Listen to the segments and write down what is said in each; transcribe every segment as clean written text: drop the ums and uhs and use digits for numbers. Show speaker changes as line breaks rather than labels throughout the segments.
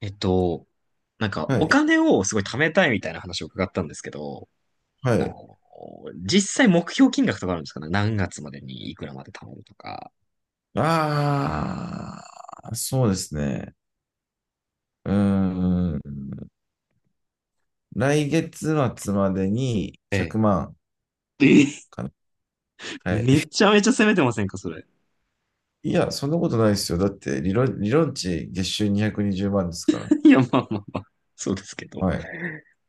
えっと、なんか
は
お
い。
金をすごい貯めたいみたいな話を伺ったんですけど、
は
あ
い。
の、実際目標金額とかあるんですかね、何月までにいくらまで貯めるとか？
ああ、そうですね。うーん。来月末までに
ええ。
100万
え
かな。はい。
め ちゃめちゃ攻めてませんか、それ。
いや、そんなことないですよ。だって、理論値月収220万ですから。
いや、まあまあまあ。そうですけど。
はい。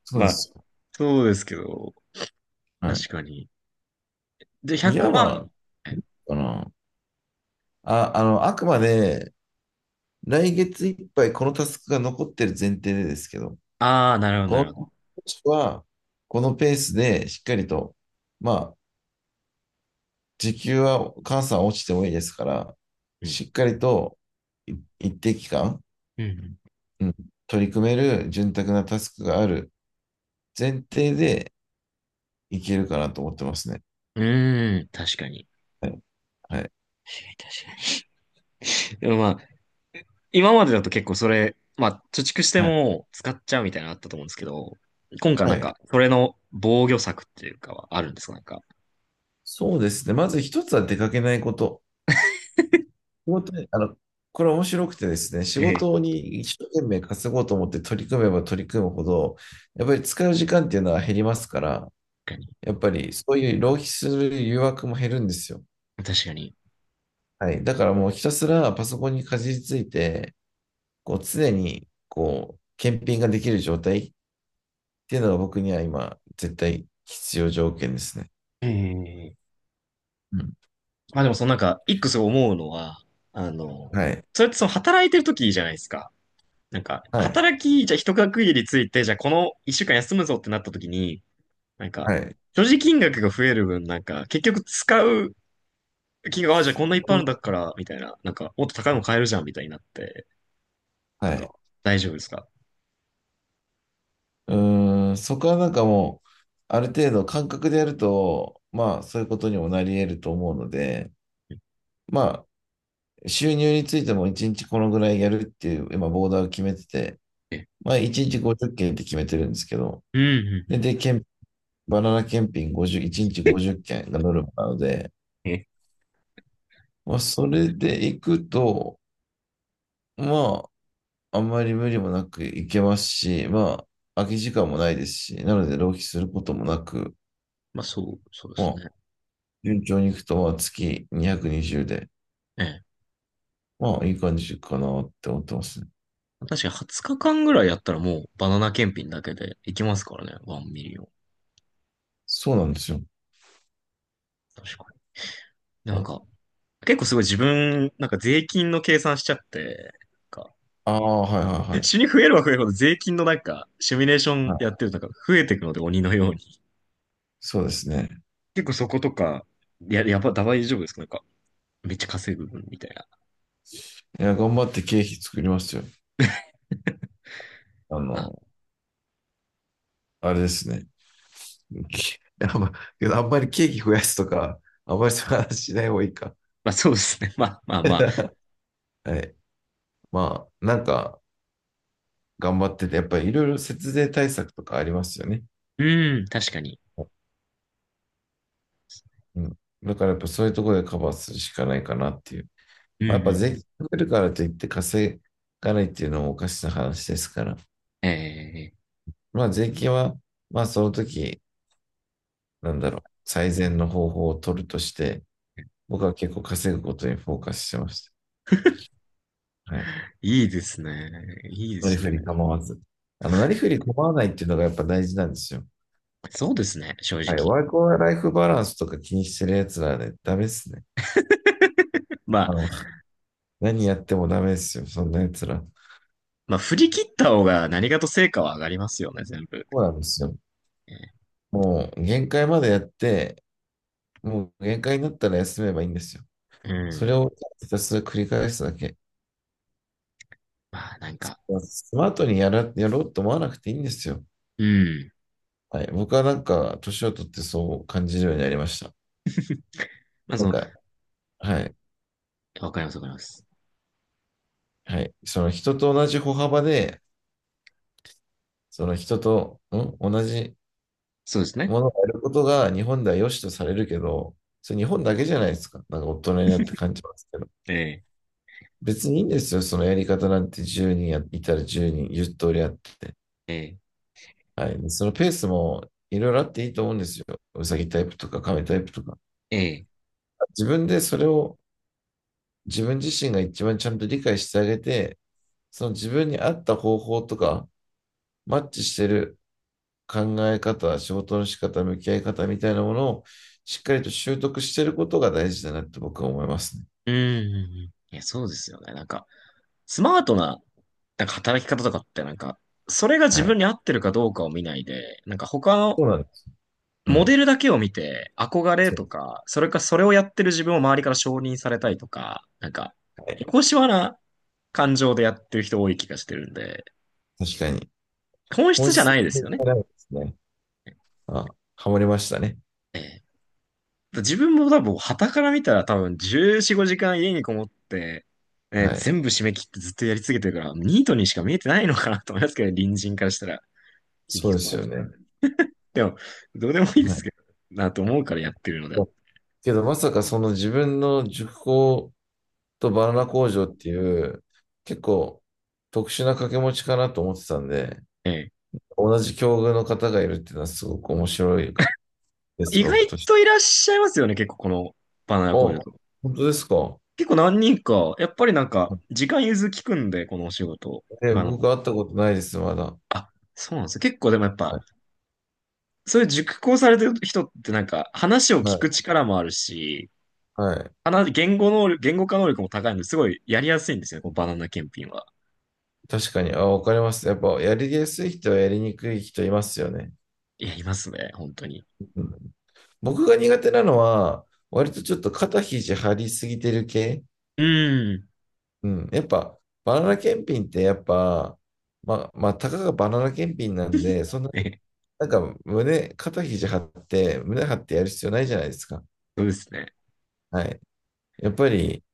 そう
ま
で
あ、
す。
そうですけど、
はい。
確かに。で、
いわ
100
ば、
万。
まあの、あ、あの、あくまで、来月いっぱいこのタスクが残ってる前提でですけど、
ああー、なるほど、なる
こ
ほど。
の、は、このペースでしっかりと、まあ、時給はお母さん落ちてもいいですから、
うん。
しっかりと一定期間、
うん。
うん、取り組める潤沢なタスクがある前提でいけるかなと思ってますね。
うんうーん、確かに。
はい。はい。
確かに。でもまあ、今までだと結構それ、まあ、貯蓄して
はい。
も使っちゃうみたいなのあったと思うんですけど、今回
は
なん
い。
か、それの防御策っていうかはあるんですかなんか？
そうですね。まず一つは出かけないこと。仕事にあの、これ面白くてですね、仕
ええ。
事に一生懸命稼ごうと思って取り組めば取り組むほど、やっぱり使う時間っていうのは減りますから、
確かに。
やっぱりそういう浪費する誘惑も減るんですよ。
確かに。
はい。だからもうひたすらパソコンにかじりついて、こう常にこう検品ができる状態っていうのが僕には今絶対必要条件ですね。
ええ。
うん。
まあでもそのなんか、一個すごい思うのは、あの、
はい。
それってその働いてる時じゃないですか。なんか、
はい。
じゃあ一区切りついて、じゃあこの一週間休むぞってなった時に、なんか、
はい。
所持金額が増える分、なんか、結局使う金額、あ、じゃあこんないっぱい
う
ある
ん。
んだから、みたいな、なんか、もっと高いの買えるじゃん、みたいになって、
はい。
と
はい。はい。は
か、
い。
大丈夫ですか？
うーん。そこはなんかもう、ある程度感覚でやると、まあそういうことにもなり得ると思うので、まあ収入についても1日このぐらいやるっていう今ボーダーを決めてて、
ええ。
まあ1日50件っけんって決めてるんですけど、
うん、うん、う
で、
ん。
で、バナナ検品50、1日50 件がノルマなので、
え、え
まあ、それで行くと、まあ、あんまり無理もなく行けますし、まあ、空き時間もないですし、なので浪費することもなく、
まあそうで
ま
す
あ、
ね。
順調に行くと、まあ、月220で、
ええ。
まあ、いい感じかなって思ってますね。
確かに20日間ぐらいやったらもうバナナ検品だけでいきますからね、ワンミリオン。
そうなんですよ。
確かに。でなんか、結構すごい自分、なんか税金の計算しちゃって、なんか、
ああ、はいはいはい。
死に増えるは増えるほど税金のなんか、シミュレーション
は
や
い、
ってるとなんか増えていくので鬼のように。
そうですね。
結構そことか、やば、大丈夫ですかなんか、めっちゃ稼ぐみたいな。
いや、頑張って経費作りますよ。あ
まあ、
の、あれですね。あんまあんまりケーキ増やすとか、あんまりそういう話しない方がいいか。
まあそうですね。まあまあまあ。
はい。まあ、なんか頑張ってて、やっぱりいろいろ節税対策とかありますよね。
うん、確かに。
うん。だからやっぱそういうところでカバーするしかないかなっていう。
うん、
まあ、やっぱ税
う
金
ん、
かけるからといって稼がないっていうのもおかしな話ですから。
ええ、
まあ税金は、まあその時、なんだろう、最善の方法を取るとして、僕は結構稼ぐことにフォーカスしてました。はい。
いいですね。いいで
なり
すね。
ふり構わず。なりふり構わないっていうのがやっぱ大事なんですよ。
そうですね、正
はい。
直。
ワークライフバランスとか気にしてる奴らね、ダメっすね。
ま
あ
あ、
の、何やってもダメっすよ。そんな奴ら。
まあ、振り切った方が何かと成果は上がりますよね、全部。
そうなんですよ。
ええ。
もう、限界までやって、もう限界になったら休めばいいんですよ。
う
それ
ん。
をひたすら繰り返すだけ。
まあ、なんか、
スマートにやろうと思わなくていいんですよ。
うん。
はい。僕はなんか、年を取ってそう感じるようになりました。
まあ、
なんか、はい。
わかります、わかります。
はい。その人と同じ歩幅でその人と、ん同じ
そうです
も
ね。
のをやることが日本では良しとされるけど、それ日本だけじゃないですか。なんか大人になって感じますけど。
ええ、
別にいいんですよ。そのやり方なんて10人やいたら10人、0通りあって、
ええ、
はい。そのペースもいろいろあっていいと思うんですよ。うさぎタイプとか亀タイプとか。
ええ。
自分でそれを自分自身が一番ちゃんと理解してあげて、その自分に合った方法とか、マッチしてる考え方、仕事の仕方、向き合い方みたいなものをしっかりと習得していることが大事だなって僕は思いますね。
うん、うんうん。いや、そうですよね。なんか、スマートな、なんか働き方とかって、なんか、それが
は
自
い。
分に合ってるかどうかを見ないで、なんか他の
そうなんです。う
モデ
ん。
ルだけを見て憧れ
そ
と
う。
か、それかそれをやってる自分を周りから承認されたいとか、なんか、
は
エ
い、
コシワな感情でやってる人多い気がしてるんで、
確かに。
本質
本
じゃな
質
いですよね。
がなんですね。あ、ハマりましたね。
ええ。自分も多分、傍から見たら多分14、5時間家にこもって、
はい。
全部締め切ってずっとやり続けてるから、ニートにしか見えてないのかなと思いますけど、ね、隣人からしたら、気に
そう
そ
で
う
すよ
ですよっ
ね。
てでも、どうでもいいで
は
す
い。
けど、なと思うからやってるのであって、
けどまさかその自分の塾講とバナナ工場っていう結構特殊な掛け持ちかなと思ってたんで、
ええ、
同じ境遇の方がいるっていうのはすごく面白いです、
意外
僕とし
とい
て。
らっしゃいますよね、結構このバナナ
あ、
工場と
本当ですか。
結構何人か、やっぱりなんか、時間融通きくんで、このお仕事。
ね、
あの、
僕会ったことないです、まだ。
あ、そうなんですよ。結構でもやっ
は
ぱ、
い。
そういう熟考されてる人ってなんか、話を
は
聞
い。
く力もあるし、
はい。
言語能力、言語化能力も高いので、すごいやりやすいんですよね、このバナナ検品は。
確かに。あ、わかります。やっぱ、やりやすい人はやりにくい人いますよね。
いや、いますね、本当に。
うん。僕が苦手なのは、割とちょっと肩肘張りすぎてる系。
うん。
うん。やっぱ、バナナ検品ってやっぱ、まあ、たかがバナナ検品なんで、そんな、
え、
なんか肩肘張って、胸張ってやる必要ないじゃないですか。
そうですね。
はい。やっぱり、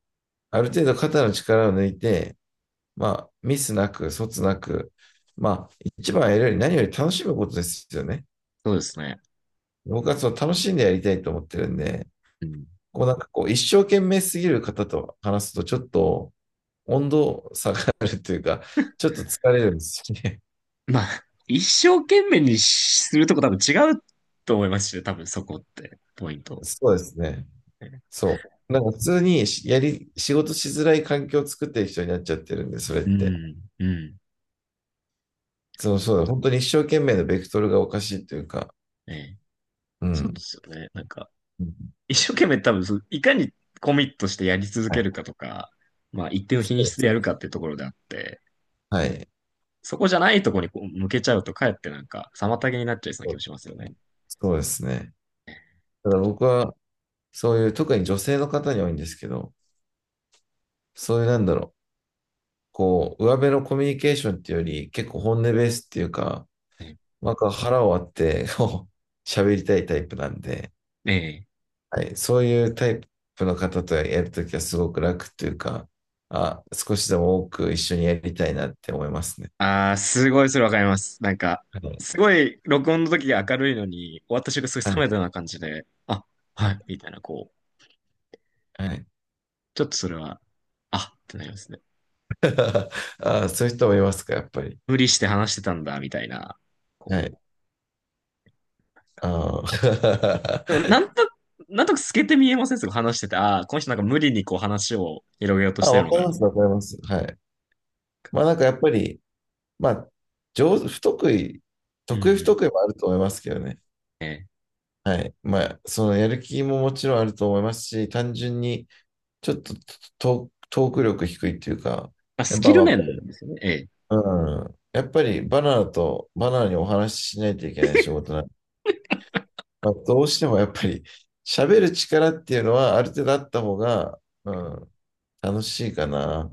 ある程度肩の力を抜いて、まあ、ミスなく、卒なく、まあ、一番やるより何より楽しむことですよね。
そうですね。
僕はその楽しんでやりたいと思ってるんで、
うん。
こうなんかこう、一生懸命すぎる方と話すと、ちょっと温度下がるというか、ちょっと疲れるんですよね。
まあ、一生懸命にしするとこ多分違うと思いますしね、多分そこって、ポイン ト。
そうですね。そう。なんか普通に仕事しづらい環境を作ってる人になっちゃってるんで、それっ
う
て。
ん、うん。
そう、そうだ、本当に一生懸命のベクトルがおかしいというか、
ええ。
う
そうで
ん。
すよね。なんか、
うん。
一生懸命多分そう、いかにコミットしてやり続
は
け
い。
るかとか、まあ一定の品
そうで
質
す。
でやるかっていうところであって、
はい。
そこじゃないところにこう向けちゃうとかえってなんか妨げになっちゃいそうな
そ
気も
う。
しますよね。
そうですね。だか
確
ら
か
僕は、そういう、特に女性の方に多いんですけど、そういうなんだろう、こう、上辺のコミュニケーションっていうより、結構本音ベースっていうか、
に。
なんか腹を割ってこう喋りたいタイプなんで、
ねえ。え
はい、そういうタイプの方とやるときはすごく楽っていうか、あ、少しでも多く一緒にやりたいなって思いますね。
ああ、すごいそれわかります。なんか、
はい。
すごい録音の時が明るいのに、終わった瞬間すご
は
い
い。
冷めたような感じで、あ、
は
は
い。
い、みたいな、こう、
はい。
ちょっとそれは、あってなりますね。
あ、そういう人もいますか、やっぱり。
無理して話してたんだ、みたいな、
は
こ
い。あー。
でもなんとなく透けて見えませんすごい話してて、ああ、この人なんか無理にこう話を広げようとし
あ、
てる
わ
の
か
か
り
な、
ま
み
す、
たい
わかります。はい。まあなんかやっぱり、まあ、上手、不得意、
な。うん
得意
う
不
ん。
得意もあると思いますけどね。
ええ。
はい。まあ、そのやる気ももちろんあると思いますし、単純にちょっとトーク力低いっていうか、
まあ、
や
ス
っ
キ
ぱ、
ル
ま
面ですよね。ええ。
あ、うん。やっぱりバナナにお話ししないといけない仕事なんで、まあ、どうしてもやっぱり喋る力っていうのはある程度あった方が、うん、楽しいかな。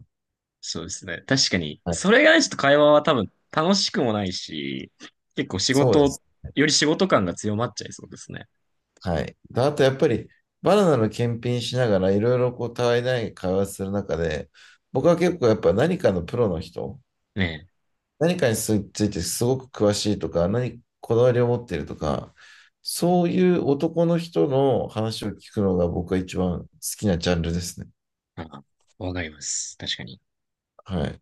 そうですね。確かに。
はい、
それがないちょっと会話は多分楽しくもないし、結構仕
そうです
事、
ね。
より仕事感が強まっちゃいそうですね。
はい。であとやっぱりバナナの検品しながらいろいろこうたわいない会話する中で、僕は結構やっぱ何かのプロの人、
ね
何かについてすごく詳しいとか、こだわりを持っているとか、そういう男の人の話を聞くのが僕は一番好きなジャンルですね。
え。ああ。わかります。確かに。
はい。